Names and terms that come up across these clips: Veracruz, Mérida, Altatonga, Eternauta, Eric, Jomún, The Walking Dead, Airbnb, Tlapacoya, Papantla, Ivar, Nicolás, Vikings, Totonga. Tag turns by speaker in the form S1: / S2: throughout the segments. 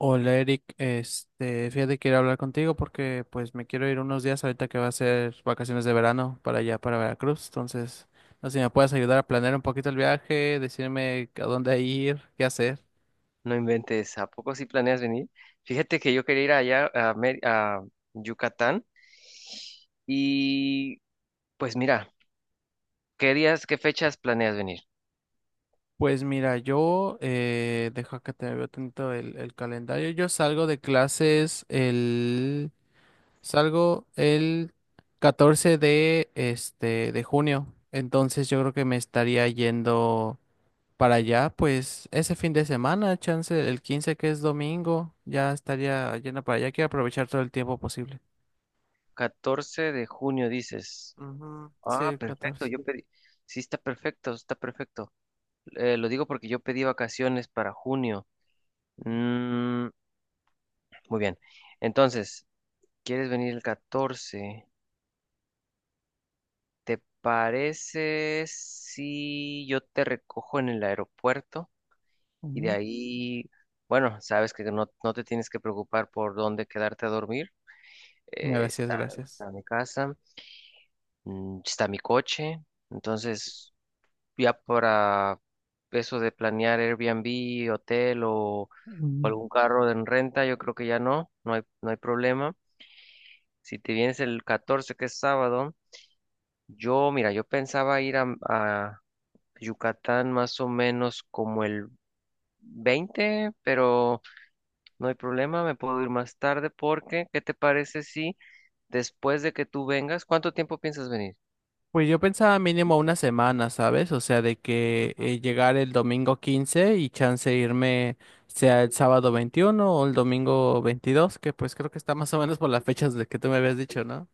S1: Hola Eric, este, fíjate que quiero hablar contigo porque pues me quiero ir unos días ahorita que va a ser vacaciones de verano para allá, para Veracruz. Entonces, no sé si me puedes ayudar a planear un poquito el viaje, decirme a dónde ir, qué hacer.
S2: No inventes, ¿a poco sí planeas venir? Fíjate que yo quería ir allá a Yucatán y pues mira, ¿qué días, qué fechas planeas venir?
S1: Pues mira, yo, deja que te veo tanto el calendario. Yo salgo de clases el 14 de junio. Entonces yo creo que me estaría yendo para allá, pues ese fin de semana, chance el 15 que es domingo, ya estaría llena para allá. Quiero aprovechar todo el tiempo posible.
S2: 14 de junio dices.
S1: Ujú, sí,
S2: Ah,
S1: el
S2: perfecto,
S1: 14.
S2: yo pedí. Sí, está perfecto, está perfecto. Lo digo porque yo pedí vacaciones para junio. Mm, muy bien. Entonces, ¿quieres venir el 14? ¿Te parece si yo te recojo en el aeropuerto? Y de
S1: Ujú.
S2: ahí, bueno, sabes que no te tienes que preocupar por dónde quedarte a dormir. Eh,
S1: Gracias,
S2: está,
S1: gracias.
S2: está mi casa, está mi coche. Entonces, ya para eso de planear Airbnb, hotel o
S1: Mm.
S2: algún carro en renta, yo creo que ya no hay problema. Si te vienes el 14 que es sábado, yo, mira, yo pensaba ir a Yucatán más o menos como el 20, pero no hay problema, me puedo ir más tarde porque, ¿qué te parece si después de que tú vengas? ¿Cuánto tiempo piensas venir?
S1: Pues yo pensaba mínimo una semana, ¿sabes? O sea, de que llegar el domingo 15 y chance irme sea el sábado 21 o el domingo 22, que pues creo que está más o menos por las fechas de que tú me habías dicho, ¿no?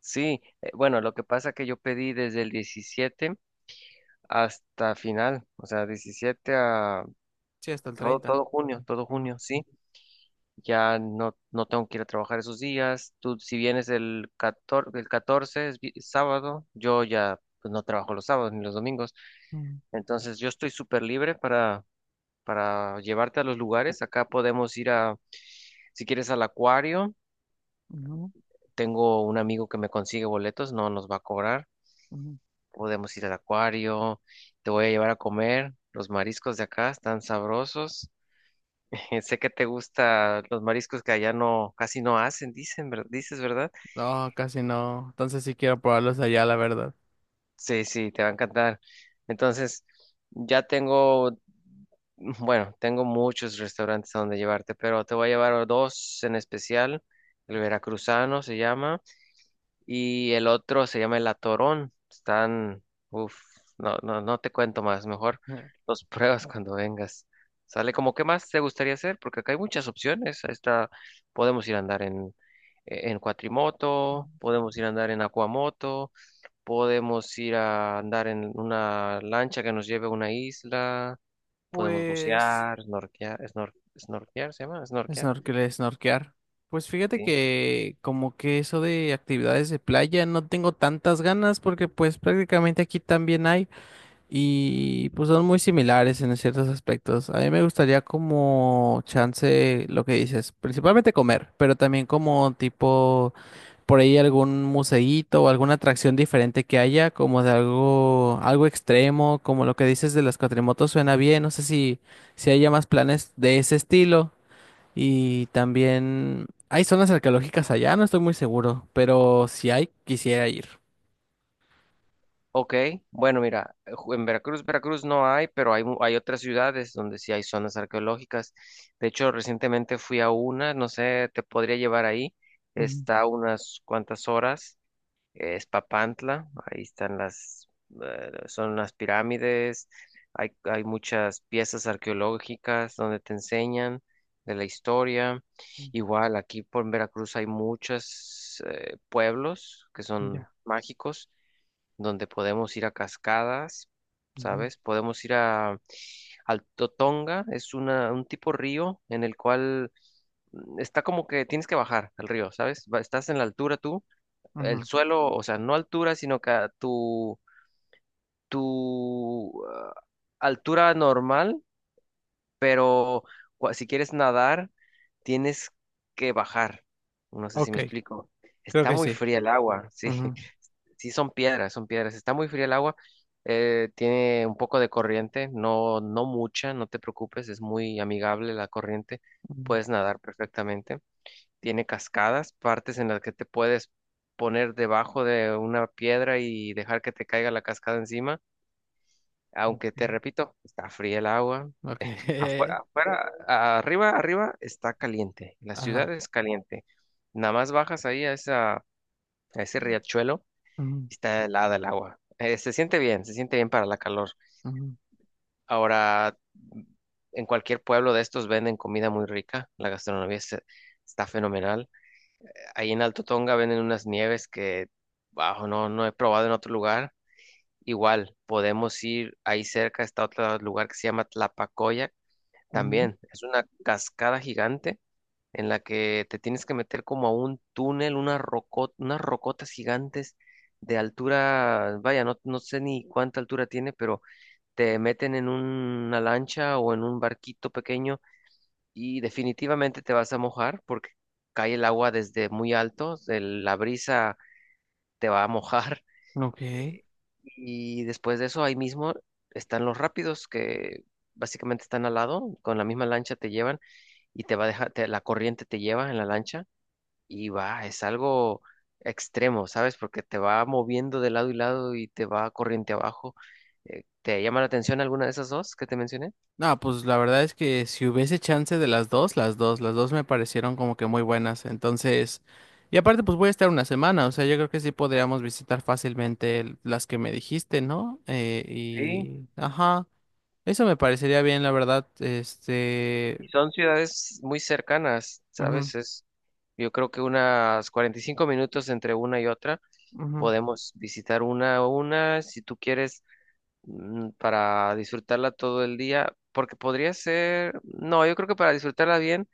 S2: Sí, bueno, lo que pasa que yo pedí desde el 17 hasta final, o sea, 17 a
S1: Sí, hasta el
S2: todo,
S1: 30.
S2: todo junio, todo
S1: Ujú.
S2: junio, sí. Ya no tengo que ir a trabajar esos días. Tú, si vienes el 14, el 14 es sábado, yo ya pues no trabajo los sábados ni los domingos.
S1: Mm,
S2: Entonces, yo estoy súper libre para llevarte a los lugares. Acá podemos ir a, si quieres, al acuario.
S1: ujú,
S2: Tengo un amigo que me consigue boletos, no nos va a cobrar.
S1: ujú.
S2: Podemos ir al acuario, te voy a llevar a comer. Los mariscos de acá están sabrosos. Sé que te gustan los mariscos que allá no, casi no hacen, dicen, dices, ¿verdad?
S1: No, casi no. Entonces sí quiero probarlos allá, la verdad.
S2: Sí, sí, te va a encantar. Entonces, ya tengo, bueno, tengo muchos restaurantes a donde llevarte, pero te voy a llevar a dos en especial. El veracruzano se llama. Y el otro se llama el Atorón. Están, uff, no, no, no te cuento más, mejor
S1: Eh.
S2: los pruebas cuando vengas. Sale, como, ¿qué más te gustaría hacer? Porque acá hay muchas opciones. Ahí está, podemos ir a andar en cuatrimoto, podemos ir a andar en acuamoto, podemos ir a andar en una lancha que nos lleve a una isla, podemos
S1: Pues,
S2: bucear, snorkear, snorkear, ¿se llama? Snorkear,
S1: snorkel, snorkear. Pues fíjate
S2: sí.
S1: que como que eso de actividades de playa no tengo tantas ganas porque pues prácticamente aquí también hay y pues son muy similares en ciertos aspectos. A mí me gustaría como chance lo que dices, principalmente comer, pero también como tipo por ahí algún museíto o alguna atracción diferente que haya, como de algo, algo extremo, como lo que dices de las cuatrimotos suena bien, no sé si haya más planes de ese estilo. Y también hay zonas arqueológicas allá, no estoy muy seguro, pero si hay, quisiera ir.
S2: Ok, bueno, mira, en Veracruz, Veracruz no hay, pero hay, hay otras ciudades donde sí hay zonas arqueológicas. De hecho, recientemente fui a una, no sé, te podría llevar ahí.
S1: Mm,
S2: Está a unas cuantas horas, es Papantla, ahí están las, son las pirámides, hay muchas piezas arqueológicas donde te enseñan de la historia.
S1: mm,
S2: Igual, aquí por Veracruz hay muchos pueblos que son
S1: ya.
S2: mágicos donde podemos ir a cascadas,
S1: Ujú,
S2: ¿sabes? Podemos ir a al Totonga, es una, un tipo río en el cual está como que tienes que bajar al río, ¿sabes? Estás en la altura tú, el
S1: ujú.
S2: suelo, o sea, no altura, sino que a tu altura normal, pero si quieres nadar, tienes que bajar. No sé si
S1: Ok,
S2: me explico.
S1: creo
S2: Está
S1: que
S2: muy
S1: sí.
S2: fría el agua, sí.
S1: Ujú,
S2: Sí, son piedras, son piedras. Está muy fría el agua, tiene un poco de corriente, no, mucha, no te preocupes, es muy amigable la corriente,
S1: mm,
S2: puedes nadar perfectamente. Tiene cascadas, partes en las que te puedes poner debajo de una piedra y dejar que te caiga la cascada encima, aunque te
S1: ok.
S2: repito, está fría el agua.
S1: Ok.
S2: Afuera, afuera, arriba, arriba está caliente, la ciudad
S1: Ajá.
S2: es caliente. Nada más bajas ahí a esa, a ese riachuelo.
S1: Mm,
S2: Está helada el agua. Se siente bien, se siente bien para la calor.
S1: ujú,
S2: Ahora, en cualquier pueblo de estos venden comida muy rica. La gastronomía está fenomenal. Ahí en Alto Tonga venden unas nieves que, bajo, no, no he probado en otro lugar. Igual, podemos ir ahí cerca, está otro lugar que se llama Tlapacoya.
S1: ujú,
S2: También es una cascada gigante en la que te tienes que meter como a un túnel, unas unas rocotas gigantes de altura, vaya, no sé ni cuánta altura tiene, pero te meten en una lancha o en un barquito pequeño y definitivamente te vas a mojar porque cae el agua desde muy alto, la brisa te va a mojar.
S1: ujú. Ok.
S2: eh, y después de eso, ahí mismo están los rápidos que… Básicamente están al lado, con la misma lancha te llevan y te va a dejar, la corriente te lleva en la lancha y va, es algo extremo, ¿sabes? Porque te va moviendo de lado y lado y te va corriente abajo. ¿Te llama la atención alguna de esas dos que te mencioné?
S1: No, pues la verdad es que si hubiese chance de las dos, las dos me parecieron como que muy buenas. Entonces, y aparte pues voy a estar una semana, o sea, yo creo que sí podríamos visitar fácilmente las que me dijiste, ¿no?
S2: Sí.
S1: Ajá, eso me parecería bien, la verdad, este,
S2: Y son ciudades muy cercanas,
S1: ujú,
S2: ¿sabes? Es, yo creo que unas 45 minutos entre una y otra.
S1: ujú,
S2: Podemos visitar una a una si tú quieres, para disfrutarla todo el día, porque podría ser, no, yo creo que para disfrutarla bien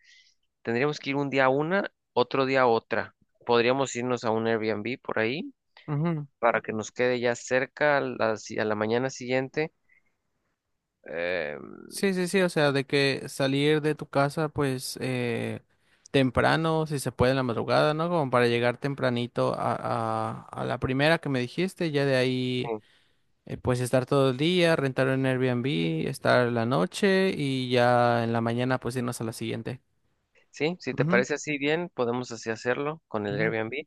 S2: tendríamos que ir un día a una, otro día a otra. Podríamos irnos a un Airbnb por ahí
S1: ujú.
S2: para que nos quede ya cerca a la, si- a la mañana siguiente. Eh,
S1: Sí, sí, sí, o sea, de que salir de tu casa, pues, temprano, si se puede en la madrugada, ¿no? Como para llegar tempranito a la primera que me dijiste, ya de ahí.
S2: sí,
S1: Pues estar todo el día, rentar un Airbnb, estar la noche y ya en la mañana pues irnos a la siguiente.
S2: sí, si te
S1: Ujú,
S2: parece así bien, podemos así hacerlo con el
S1: ujú,
S2: Airbnb.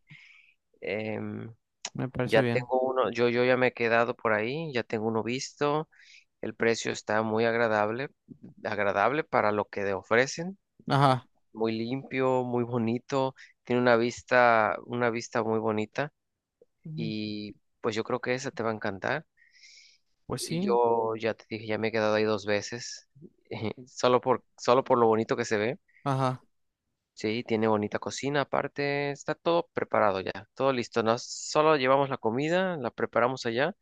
S2: Em,
S1: me parece
S2: ya
S1: bien.
S2: tengo uno, yo ya me he quedado por ahí, ya tengo uno visto. El precio está muy agradable, agradable para lo que te ofrecen.
S1: Ajá.
S2: Muy limpio, muy bonito. Tiene una vista muy bonita.
S1: Ujú,
S2: Y pues yo creo que esa te va a encantar.
S1: pues
S2: Y
S1: sí.
S2: yo ya te dije, ya me he quedado ahí dos veces, solo por, solo por lo bonito que se ve.
S1: Ajá.
S2: Sí, tiene bonita cocina, aparte está todo preparado ya, todo listo. Nos, solo llevamos la comida, la preparamos allá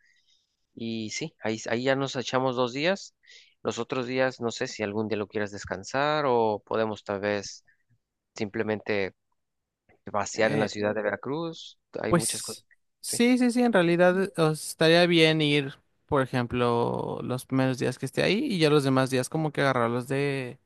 S2: y sí, ahí, ahí ya nos echamos 2 días. Los otros días, no sé si algún día lo quieras descansar o podemos tal vez simplemente vaciar en la
S1: Eh,
S2: ciudad de Veracruz. Hay muchas
S1: Pues
S2: cosas. Sí.
S1: sí, sí, sí, en realidad o estaría bien ir, por ejemplo, los primeros días que esté ahí y ya los demás días como que agarrarlos de,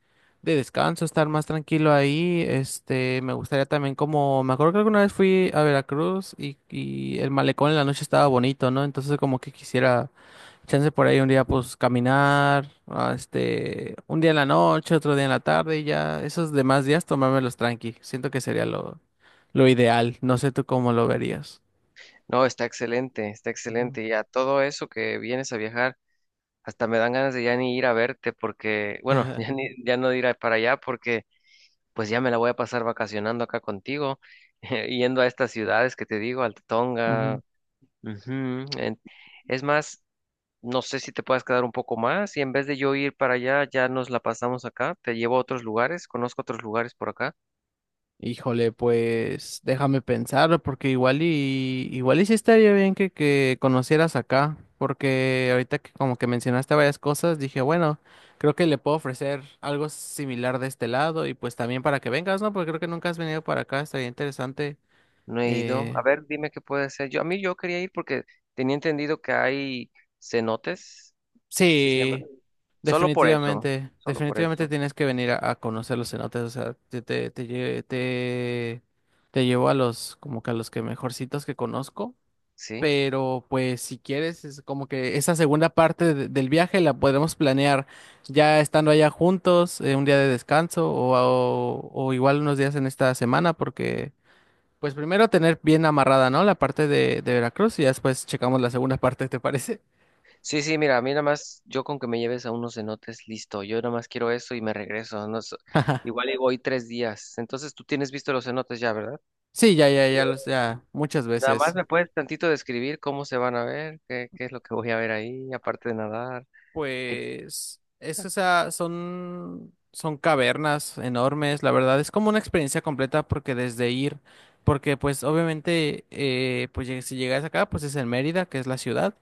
S1: de descanso, estar más tranquilo ahí. Este, me gustaría también como, me acuerdo que alguna vez fui a Veracruz y el malecón en la noche estaba bonito, ¿no? Entonces como que quisiera chance por ahí un día pues caminar, ah, este, un día en la noche, otro día en la tarde y ya esos demás días tomármelos tranqui. Siento que sería lo ideal. No sé tú cómo lo verías.
S2: No, está excelente, está
S1: Ujú.
S2: excelente. Y a todo eso que vienes a viajar, hasta me dan ganas de ya ni ir a verte porque, bueno, ya ni, ya no de ir para allá, porque pues ya me la voy a pasar vacacionando acá contigo, yendo a estas ciudades que te digo, Altatonga.
S1: Ujú.
S2: Ujú, en- es más, no sé si te puedas quedar un poco más y en vez de yo ir para allá, ya nos la pasamos acá. Te llevo a otros lugares, conozco otros lugares por acá.
S1: Híjole, pues déjame pensar, porque igual y igual y sí estaría bien que conocieras acá, porque ahorita que como que mencionaste varias cosas, dije, bueno, creo que le puedo ofrecer algo similar de este lado y pues también para que vengas, ¿no? Porque creo que nunca has venido para acá, estaría interesante
S2: No he ido. A
S1: eh,
S2: ver, dime qué puede ser. Yo, a mí yo quería ir porque tenía entendido que hay cenotes. Sí, siempre.
S1: Sí,
S2: Solo por eso,
S1: definitivamente,
S2: solo por
S1: definitivamente
S2: eso.
S1: tienes que venir a conocer los cenotes, o sea, te llevo a los, como que a los que mejorcitos que conozco,
S2: Sí,
S1: pero pues si quieres, es como que esa segunda parte del viaje la podemos planear ya estando allá juntos, un día de descanso o igual unos días en esta semana, porque pues primero tener bien amarrada, ¿no? La parte de Veracruz y ya después checamos la segunda parte, ¿te parece?
S2: sí, sí, mira, a mí nada más, yo con que me lleves a unos cenotes, listo, yo nada más quiero eso y me regreso, no, igual y voy 3 días, entonces tú tienes visto los cenotes ya, ¿verdad?
S1: Sí, ya, ya, ya, ya, muchas
S2: Nada más
S1: veces.
S2: me puedes tantito describir cómo se van a ver, qué, qué es lo que voy a ver ahí, aparte de nadar. Ay,
S1: Pues, es, o sea, son cavernas enormes, la verdad, es como una experiencia completa porque desde ir, porque pues obviamente, pues si llegas acá, pues es en Mérida, que es la ciudad,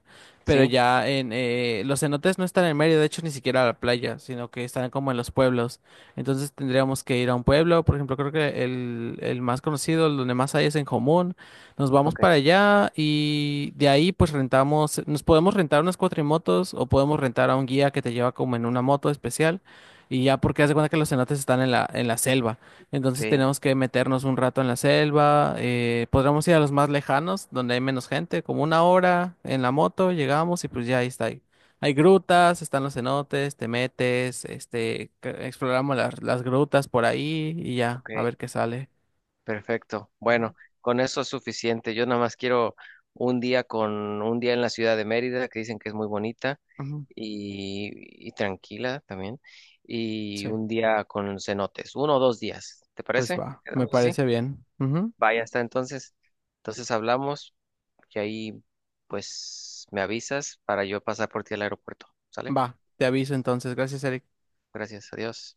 S1: pero
S2: sí,
S1: ya los cenotes no están en Mérida, de hecho ni siquiera a la playa, sino que están como en los pueblos, entonces tendríamos que ir a un pueblo, por ejemplo, creo que el más conocido, el donde más hay es en Jomún. Nos vamos para
S2: ok,
S1: allá y de ahí pues rentamos, nos podemos rentar unas cuatrimotos o podemos rentar a un guía que te lleva como en una moto especial y ya porque haz de cuenta que los cenotes están en la selva, entonces
S2: sí,
S1: tenemos que meternos un rato en la selva, podríamos ir a los más lejanos donde hay menos gente, como una hora en la moto llegamos y pues ya ahí está ahí. Hay grutas, están los cenotes, te metes, este, exploramos las grutas por ahí y ya,
S2: ok,
S1: a ver qué sale.
S2: perfecto.
S1: Ujú,
S2: Bueno, con eso es suficiente. Yo nada más quiero un día con un día en la ciudad de Mérida, que dicen que es muy bonita
S1: ujú,
S2: y tranquila también, y
S1: sí.
S2: un día con cenotes, 1 o 2 días. ¿Te
S1: Pues
S2: parece?
S1: va, me
S2: ¿Quedamos así?
S1: parece bien. Ujú.
S2: Vaya, hasta entonces. Entonces hablamos y ahí pues me avisas para yo pasar por ti al aeropuerto. ¿Sale?
S1: Va, te aviso entonces. Gracias, Eric.
S2: Gracias, adiós.